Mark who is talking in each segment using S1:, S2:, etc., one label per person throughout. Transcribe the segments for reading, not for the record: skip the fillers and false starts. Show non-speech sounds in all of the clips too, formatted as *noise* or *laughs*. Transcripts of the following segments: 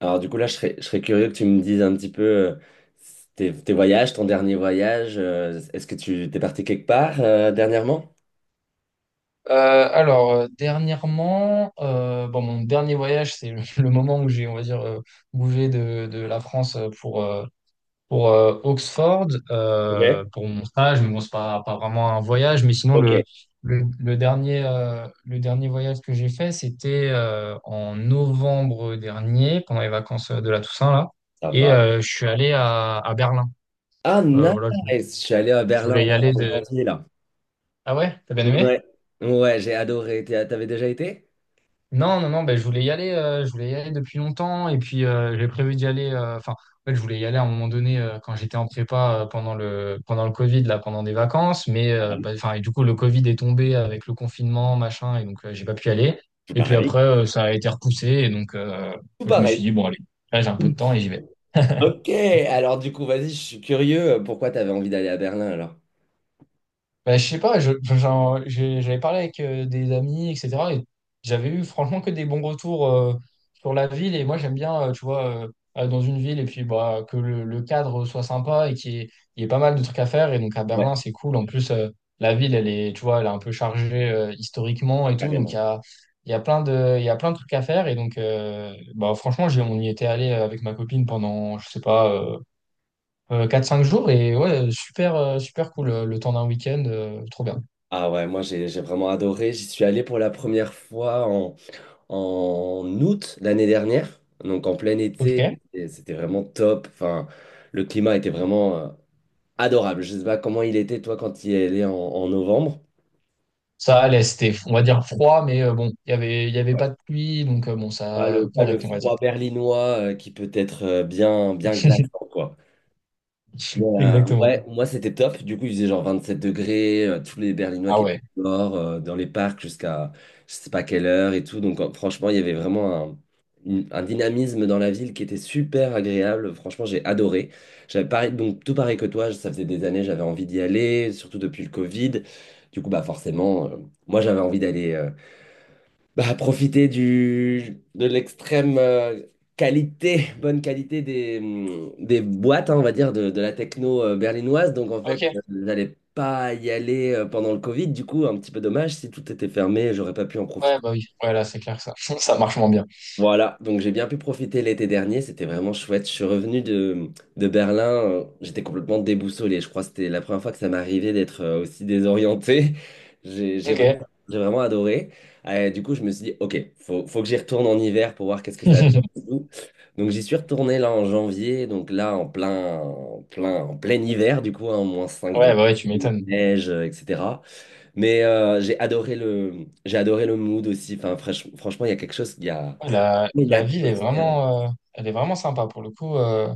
S1: Alors du coup là, je serais curieux que tu me dises un petit peu tes voyages, ton dernier voyage. Est-ce que tu t'es parti quelque part dernièrement?
S2: Dernièrement, bon, mon dernier voyage, c'est *laughs* le moment où j'ai, on va dire, bougé de la France pour Oxford,
S1: Ok,
S2: pour mon stage, mais bon, c'est pas vraiment un voyage, mais sinon,
S1: ok,
S2: le dernier voyage que j'ai fait, c'était en novembre dernier, pendant les vacances de la Toussaint, là,
S1: ça
S2: et
S1: va.
S2: je suis allé à Berlin.
S1: Ah
S2: Euh,
S1: nice,
S2: voilà, je,
S1: je suis allé à
S2: je
S1: Berlin
S2: voulais y
S1: en
S2: aller
S1: en
S2: de...
S1: janvier là.
S2: Ah ouais, t'as bien aimé?
S1: Ouais, ouais, j'ai adoré. T'avais déjà été?
S2: Non, non, non, ben, je voulais y aller, je voulais y aller depuis longtemps et puis j'ai prévu d'y aller. Enfin, en fait, je voulais y aller à un moment donné quand j'étais en prépa pendant le Covid là, pendant des vacances, mais
S1: Pareil.
S2: ben, enfin et du coup le Covid est tombé avec le confinement machin et donc j'ai pas pu y aller.
S1: Tout
S2: Et puis
S1: pareil.
S2: après ça a été repoussé et donc
S1: Tout
S2: je me suis
S1: pareil.
S2: dit bon allez, là j'ai un peu de temps et j'y vais.
S1: Ok, alors du coup, vas-y, je suis curieux. Pourquoi t'avais envie d'aller à Berlin alors?
S2: Bah, je sais pas, *laughs* j'avais parlé avec des amis, etc. Et j'avais eu franchement que des bons retours sur la ville. Et moi, j'aime bien, tu vois, aller dans une ville et puis bah, que le cadre soit sympa et qu'il y il y ait pas mal de trucs à faire. Et donc à Berlin,
S1: Ouais,
S2: c'est cool. En plus, la ville, elle est, tu vois, elle est un peu chargée historiquement et tout. Donc
S1: carrément.
S2: il y a plein il y a plein de trucs à faire. Et donc, bah, franchement, on y était allé avec ma copine pendant, je sais pas, 4-5 jours et ouais, super, super cool le temps d'un week-end, trop bien.
S1: Ah ouais, moi j'ai vraiment adoré. J'y suis allé pour la première fois en août l'année dernière, donc en plein été,
S2: Ok.
S1: et c'était vraiment top. Enfin, le climat était vraiment adorable. Je sais pas comment il était, toi, quand il est allé en novembre.
S2: Ça allait, c'était, on va dire, froid, mais bon, il y avait pas de pluie, donc bon,
S1: Pas
S2: ça,
S1: le
S2: correct, on va dire.
S1: froid berlinois qui peut être bien, bien
S2: *laughs*
S1: glaçant, quoi. Mais,
S2: Exactement.
S1: ouais, moi c'était top. Du coup, il faisait genre 27 degrés, tous les Berlinois
S2: Ah
S1: qui étaient
S2: ouais.
S1: dehors, dans les parcs jusqu'à je sais pas quelle heure et tout. Donc franchement, il y avait vraiment un dynamisme dans la ville qui était super agréable. Franchement, j'ai adoré. J'avais pareil, donc tout pareil que toi, ça faisait des années, j'avais envie d'y aller, surtout depuis le Covid. Du coup, bah forcément, moi j'avais envie d'aller. Bah, profiter de l'extrême qualité, *laughs* bonne qualité des boîtes, hein, on va dire, de la techno berlinoise. Donc, en fait,
S2: Ok.
S1: j'allais pas y aller pendant le Covid. Du coup, un petit peu dommage. Si tout était fermé, j'aurais pas pu en
S2: Ouais,
S1: profiter.
S2: bah oui. Ouais, là, c'est clair que ça, *laughs* ça marche moins bien.
S1: Voilà, donc j'ai bien pu profiter l'été dernier, c'était vraiment chouette. Je suis revenu de Berlin, j'étais complètement déboussolé. Je crois que c'était la première fois que ça m'arrivait d'être aussi désorienté. *laughs* J'ai j'ai vraiment,
S2: Ok.
S1: j'ai vraiment adoré. Du coup, je me suis dit, ok, faut que j'y retourne en hiver pour voir qu'est-ce que ça
S2: *laughs*
S1: donne. Donc j'y suis retourné là en janvier, donc là en plein hiver, du coup, hein, moins cinq
S2: Ouais,
S1: degrés,
S2: bah ouais, tu m'étonnes.
S1: neige, etc. Mais j'ai adoré j'ai adoré le mood aussi. Enfin, franchement, il y a quelque chose, il y a.
S2: Ouais,
S1: Mais
S2: la ville est
S1: l'atmosphère, ouais.
S2: vraiment, elle est vraiment sympa pour le coup.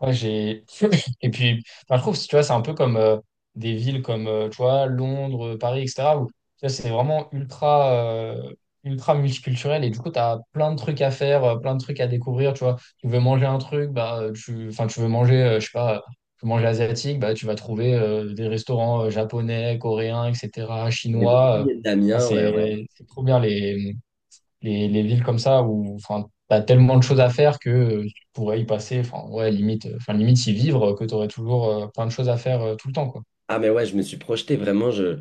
S2: Ouais, j'ai. *laughs* Et puis, enfin, je trouve, tu vois, c'est un peu comme des villes comme, tu vois, Londres, Paris, etc., où, tu vois, c'est vraiment ultra, ultra multiculturel et du coup, tu as plein de trucs à faire, plein de trucs à découvrir, tu vois. Tu veux manger un truc, bah, tu... Enfin, tu veux manger, je sais pas, tu veux manger asiatique, bah, tu vas trouver des restaurants japonais, coréens, etc.,
S1: Il y avait beaucoup
S2: chinois.
S1: de
S2: Enfin,
S1: Vietnamiens, ouais, ouais.
S2: c'est trop bien les villes comme ça où enfin t'as tellement de choses à faire que tu pourrais y passer enfin ouais limite enfin limite y vivre que t'aurais toujours plein de choses à faire tout le temps quoi.
S1: Ah, mais ouais, je me suis projeté vraiment. Je...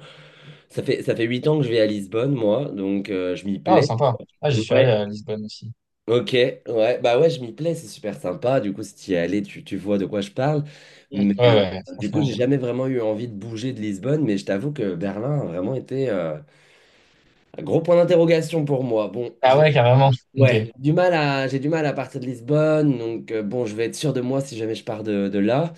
S1: Ça fait 8 ans que je vais à Lisbonne, moi, donc je m'y
S2: Ah
S1: plais.
S2: sympa, ah j'y suis allé
S1: Ouais,
S2: à Lisbonne aussi.
S1: ok, ouais, bah ouais, je m'y plais, c'est super sympa. Du coup, si tu y es allé, tu vois de quoi je parle.
S2: Mm, ouais.
S1: Mais
S2: Ouais,
S1: du coup, j'ai
S2: franchement.
S1: jamais vraiment eu envie de bouger de Lisbonne, mais je t'avoue que Berlin a vraiment été un gros point d'interrogation pour moi. Bon,
S2: Ah
S1: je,
S2: ouais, carrément. Ok,
S1: ouais, j'ai du mal à partir de Lisbonne, donc bon, je vais être sûr de moi si jamais je pars de là.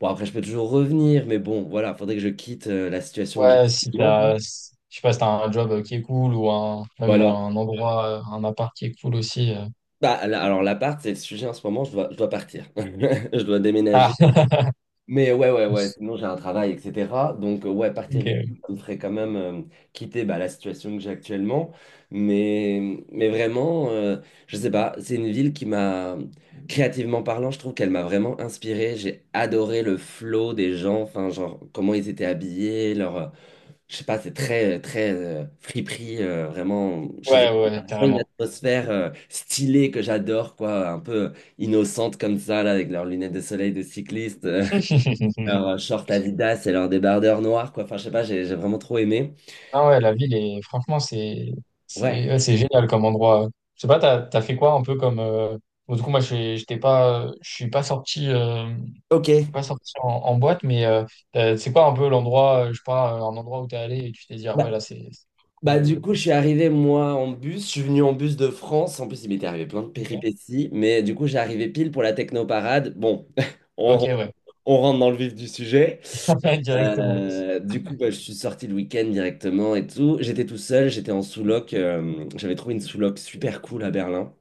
S1: Bon, après, je peux toujours revenir, mais bon, voilà, faudrait que je quitte la situation que j'ai
S2: ouais, si
S1: actuellement, quoi.
S2: t'as je sais pas si t'as un job qui est cool ou un même
S1: Voilà.
S2: un endroit un appart qui est cool aussi.
S1: Bah, là, alors, l'appart, c'est le sujet en ce moment, je dois partir. *laughs* Je dois
S2: Ah.
S1: déménager. Mais ouais, ouais, ouais, sinon
S2: *laughs*
S1: j'ai un travail, etc. Donc, ouais, partir
S2: Ok.
S1: d'ici, ça me ferait quand même quitter bah, la situation que j'ai actuellement. Mais vraiment, je sais pas, c'est une ville qui m'a, créativement parlant, je trouve qu'elle m'a vraiment inspiré. J'ai adoré le flow des gens, enfin, genre, comment ils étaient habillés, je sais pas, c'est très friperie, vraiment, je sais pas,
S2: Ouais,
S1: il y a
S2: ouais,
S1: vraiment une
S2: carrément.
S1: atmosphère stylée que j'adore, quoi, un peu innocente comme ça, là, avec leurs lunettes de soleil de cycliste. *laughs*
S2: *laughs*
S1: Leur short Adidas et leur débardeur noir, quoi. Enfin, je sais pas, j'ai vraiment trop aimé.
S2: Ah ouais, la ville est franchement c'est
S1: Ouais.
S2: c'est ouais, c'est génial comme endroit. Je sais pas, t'as fait quoi un peu comme bon, du coup moi j'étais pas je suis pas sorti euh,
S1: Ok.
S2: pas sorti en, en boîte mais c'est quoi un peu l'endroit je sais pas un endroit où t'es allé et tu t'es dit ah ouais
S1: Bah,
S2: là c'est
S1: bah,
S2: cool.
S1: du coup, je suis arrivé, moi, en bus. Je suis venu en bus de France. En plus, il m'était arrivé plein de
S2: Ok.
S1: péripéties. Mais du coup, j'ai arrivé pile pour la technoparade. Bon, *laughs* on
S2: Ok,
S1: rentre,
S2: ouais.
S1: on rentre dans le vif du sujet.
S2: *laughs* Directement.
S1: Du coup, bah, je suis sorti le week-end directement et tout. J'étais tout seul, j'étais en sous-loc. J'avais trouvé une sous-loc super cool à Berlin.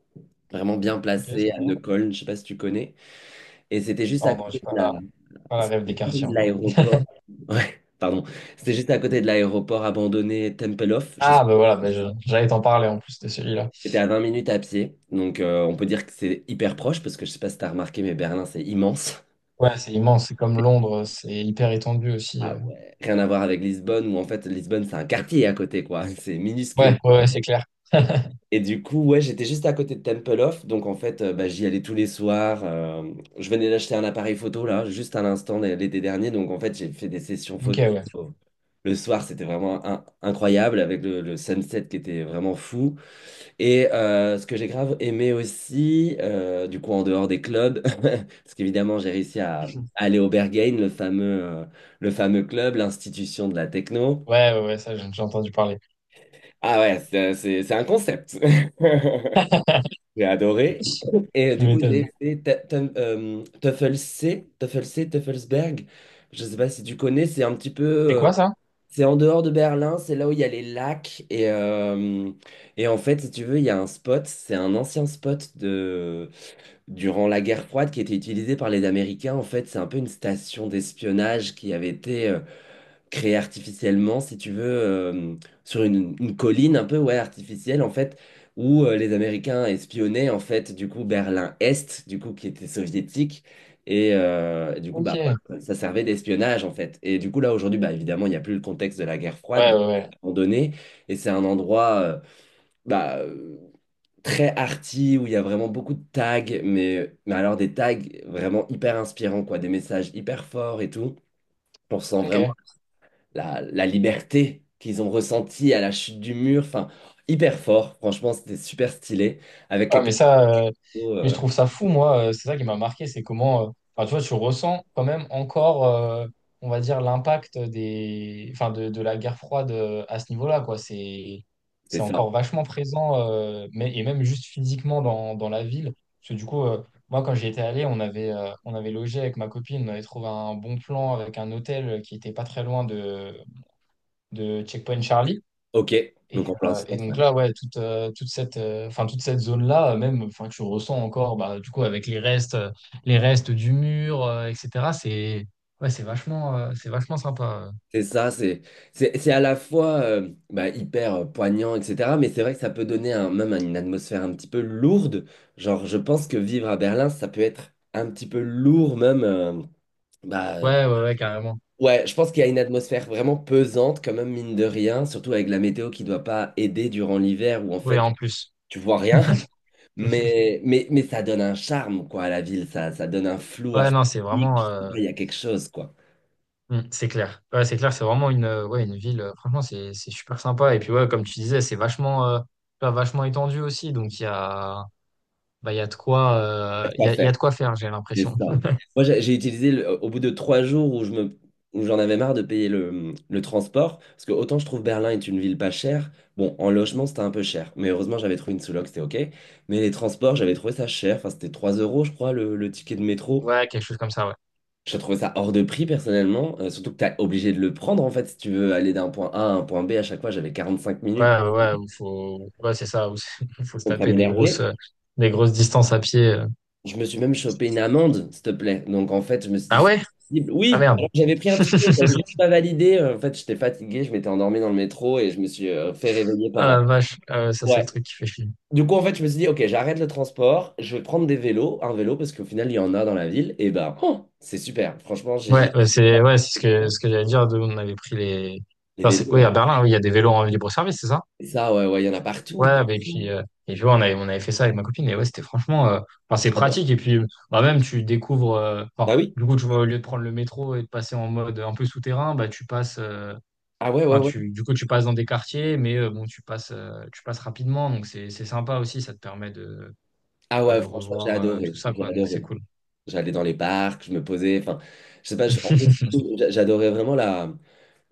S1: Vraiment bien
S2: Ok,
S1: placée
S2: c'est
S1: à
S2: bon.
S1: Neukölln, je sais pas si tu connais. Et c'était juste à
S2: Oh non,
S1: côté
S2: j'ai
S1: de
S2: pas
S1: la,
S2: la pas la
S1: C'était
S2: rêve des
S1: juste à côté
S2: quartiers
S1: de
S2: encore.
S1: l'aéroport. Ouais, pardon. C'était juste à côté de l'aéroport abandonné Tempelhof.
S2: Ah bah voilà bah, j'allais t'en parler en plus de celui-là.
S1: C'était à 20 minutes à pied. Donc, on peut dire que c'est hyper proche parce que je sais pas si t'as remarqué, mais Berlin, c'est immense.
S2: Ouais, c'est immense, c'est comme Londres, c'est hyper étendu aussi.
S1: Ah ouais. Rien à voir avec Lisbonne où en fait, Lisbonne, c'est un quartier à côté, quoi. *laughs* C'est
S2: Ouais,
S1: minuscule.
S2: ouais, ouais, c'est clair. *laughs*
S1: Et du coup, ouais, j'étais juste à côté de Temple Off, donc en fait, bah, j'y allais tous les soirs. Je venais d'acheter un appareil photo là, juste à l'instant l'été dernier, donc en fait, j'ai fait des sessions
S2: Ok,
S1: photo.
S2: ouais.
S1: Le soir, c'était vraiment incroyable avec le sunset qui était vraiment fou. Et ce que j'ai grave aimé aussi, du coup, en dehors des clubs, *laughs* parce qu'évidemment, j'ai réussi à aller au Berghain, le fameux club, l'institution de la techno.
S2: Ouais, ouais, ouais, ça, j'ai déjà entendu parler.
S1: Ah ouais, c'est un concept. *laughs*
S2: *laughs*
S1: J'ai adoré. Et
S2: Tu
S1: du coup,
S2: m'étonnes.
S1: j'ai fait Tuffelsberg. Je ne sais pas si tu connais, c'est un petit peu.
S2: C'est quoi ça?
S1: C'est en dehors de Berlin, c'est là où il y a les lacs. Et en fait, si tu veux, il y a un spot, c'est un ancien spot durant la guerre froide qui était utilisé par les Américains. En fait, c'est un peu une station d'espionnage qui avait été créé artificiellement, si tu veux, sur une colline un peu ouais, artificielle, en fait, où les Américains espionnaient, en fait, du coup, Berlin-Est, du coup, qui était soviétique. Et du coup,
S2: Ok.
S1: bah,
S2: Ouais,
S1: voilà, ça servait d'espionnage, en fait. Et du coup, là, aujourd'hui, bah, évidemment, il n'y a plus le contexte de la guerre froide,
S2: ouais,
S1: donc
S2: ouais.
S1: c'est abandonné. Et c'est un endroit bah, euh, très arty, où il y a vraiment beaucoup de tags, mais alors des tags vraiment hyper inspirants, quoi, des messages hyper forts et tout. On ressent
S2: Ok.
S1: vraiment la liberté qu'ils ont ressentie à la chute du mur. Enfin, hyper fort. Franchement, c'était super stylé. Avec
S2: Ouais,
S1: quelques
S2: mais ça, euh,
S1: photos,
S2: mais je trouve ça fou, moi. C'est ça qui m'a marqué, c'est comment, enfin, tu vois, tu ressens quand même encore, on va dire, l'impact des, enfin, de la guerre froide à ce niveau-là, quoi. C'est,
S1: c'est
S2: c'est
S1: ça.
S2: encore vachement présent, mais, et même juste physiquement dans la ville. Parce que du coup, moi, quand j'y étais allé, on avait logé avec ma copine, on avait trouvé un bon plan avec un hôtel qui était pas très loin de Checkpoint Charlie.
S1: Ok. Donc en plein
S2: Et
S1: centre. Ouais.
S2: donc là, ouais, toute cette, enfin, toute cette zone-là, même, enfin, que je ressens encore, bah, du coup, avec les restes du mur, etc., ouais, c'est vachement sympa.
S1: C'est ça, c'est à la fois bah, hyper poignant, etc. Mais c'est vrai que ça peut donner même une atmosphère un petit peu lourde. Genre, je pense que vivre à Berlin, ça peut être un petit peu lourd même. Bah, euh,
S2: Ouais, ouais, ouais, carrément.
S1: ouais, je pense qu'il y a une atmosphère vraiment pesante, quand même, mine de rien, surtout avec la météo qui doit pas aider durant l'hiver, où en
S2: Ouais,
S1: fait,
S2: en plus.
S1: tu vois rien,
S2: *laughs*
S1: mais ça donne un charme, quoi, à la ville, ça donne un flou
S2: Ouais, non, c'est
S1: artistique, je
S2: vraiment,
S1: sais pas, il y a quelque chose, quoi.
S2: c'est clair. Ouais, c'est clair, c'est vraiment une, ouais, une ville, franchement, c'est super sympa. Et puis, ouais, comme tu disais, c'est vachement, pas vachement étendu aussi. Donc, bah, il y a de quoi,
S1: Y a quoi
S2: il
S1: faire,
S2: y a de quoi faire, j'ai
S1: c'est
S2: l'impression.
S1: ça. Moi, j'ai utilisé, au bout de 3 jours où où j'en avais marre de payer le transport, parce que autant je trouve Berlin est une ville pas chère, bon, en logement, c'était un peu cher, mais heureusement, j'avais trouvé une sous-loc, c'était OK, mais les transports, j'avais trouvé ça cher, enfin, c'était 3 euros, je crois, le ticket de métro.
S2: Ouais, quelque chose comme ça, ouais.
S1: J'ai trouvé ça hors de prix personnellement, surtout que tu es obligé de le prendre en fait si tu veux aller d'un point A à un point B à chaque fois, j'avais 45
S2: Ouais,
S1: minutes.
S2: ouais, ouais, faut, ouais, c'est ça. *laughs* Il faut se
S1: Donc ça
S2: taper
S1: m'énervait.
S2: des grosses distances à pied.
S1: Je me suis même chopé une amende, s'il te plaît. Donc en fait, je me suis dit,
S2: Ah
S1: c'est
S2: ouais?
S1: possible.
S2: Ah
S1: Oui,
S2: merde.
S1: alors que j'avais pris un ticket, je n'avais
S2: *laughs*
S1: juste pas validé. En fait, j'étais fatigué, je m'étais endormi dans le métro et je me suis fait réveiller par
S2: Ah
S1: un.
S2: la vache. Ah ouais, ça, c'est le
S1: Ouais.
S2: truc qui fait chier.
S1: Du coup, en fait, je me suis dit, ok, j'arrête le transport, je vais prendre des vélos, un vélo, parce qu'au final, il y en a dans la ville. Et ben, oh, c'est super. Franchement,
S2: Ouais, ouais, c'est ce que j'allais dire. On avait pris les,
S1: les
S2: enfin,
S1: vélos.
S2: oui,
S1: Ouais.
S2: à Berlin, oui, il y a des vélos en libre service, c'est ça?
S1: Et ça, ouais, ouais, il y en a partout.
S2: Ouais,
S1: Partout.
S2: et puis, ouais, on avait fait ça avec ma copine. Et ouais, c'était franchement, enfin, c'est
S1: J'adore.
S2: pratique. Et puis, bah, même, tu découvres, enfin,
S1: Ah oui?
S2: du coup, tu vois, au lieu de prendre le métro et de passer en mode un peu souterrain, bah, tu passes,
S1: Ah ouais, ouais,
S2: Enfin,
S1: ouais.
S2: tu, du coup, tu passes dans des quartiers, mais bon, tu passes rapidement, donc c'est sympa aussi, ça te permet de,
S1: Ah
S2: bah,
S1: ouais,
S2: de
S1: franchement, j'ai
S2: revoir tout
S1: adoré.
S2: ça,
S1: J'ai
S2: quoi, donc c'est
S1: adoré.
S2: cool.
S1: J'allais dans les parcs, je me posais. Enfin, je sais pas, en
S2: *laughs*
S1: gros, j'adorais vraiment la,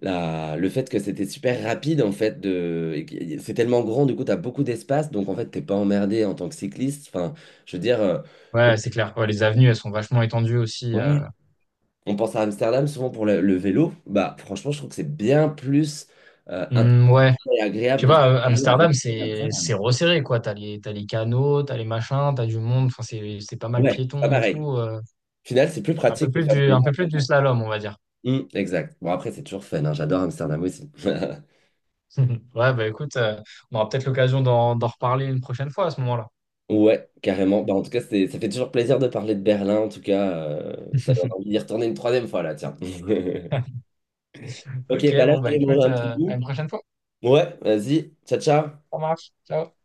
S1: la, le fait que c'était super rapide en fait. Et c'est tellement grand, du coup, tu as beaucoup d'espace. Donc en fait, t'es pas emmerdé en tant que cycliste. Enfin, je veux dire, on,
S2: Ouais, c'est clair. Ouais, les avenues, elles sont vachement étendues aussi.
S1: ouais, on pense à Amsterdam souvent pour le vélo. Bah, franchement, je trouve que c'est bien plus
S2: Hmm,
S1: intéressant
S2: ouais,
S1: et
S2: je
S1: agréable
S2: sais
S1: de faire
S2: pas,
S1: du vélo à
S2: Amsterdam,
S1: Berlin
S2: c'est
S1: qu'Amsterdam.
S2: c'est resserré, quoi. T'as les canaux, t'as les machins, t'as du monde, enfin, c'est pas mal
S1: Ouais, c'est pas
S2: piéton et
S1: pareil.
S2: tout.
S1: Au final, c'est plus
S2: Un peu
S1: pratique de
S2: plus
S1: faire du
S2: du,
S1: vélo
S2: un
S1: à
S2: peu plus du
S1: Berlin.
S2: slalom, on va dire.
S1: Exact. Bon, après, c'est toujours fun, hein. J'adore Amsterdam aussi. *laughs*
S2: *laughs* Ouais, bah écoute, on aura peut-être l'occasion d'en reparler une prochaine fois à ce moment-là.
S1: Ouais, carrément. Bah, en tout cas, ça fait toujours plaisir de parler de Berlin. En tout cas, ça donne
S2: *laughs*
S1: envie d'y retourner une troisième fois là, tiens. *laughs* Ok,
S2: Ok,
S1: bah là, je
S2: bon, bah
S1: vais aller manger
S2: écoute,
S1: un petit
S2: à une
S1: bout.
S2: prochaine fois.
S1: Ouais, vas-y. Ciao, ciao.
S2: Ça marche. Ciao.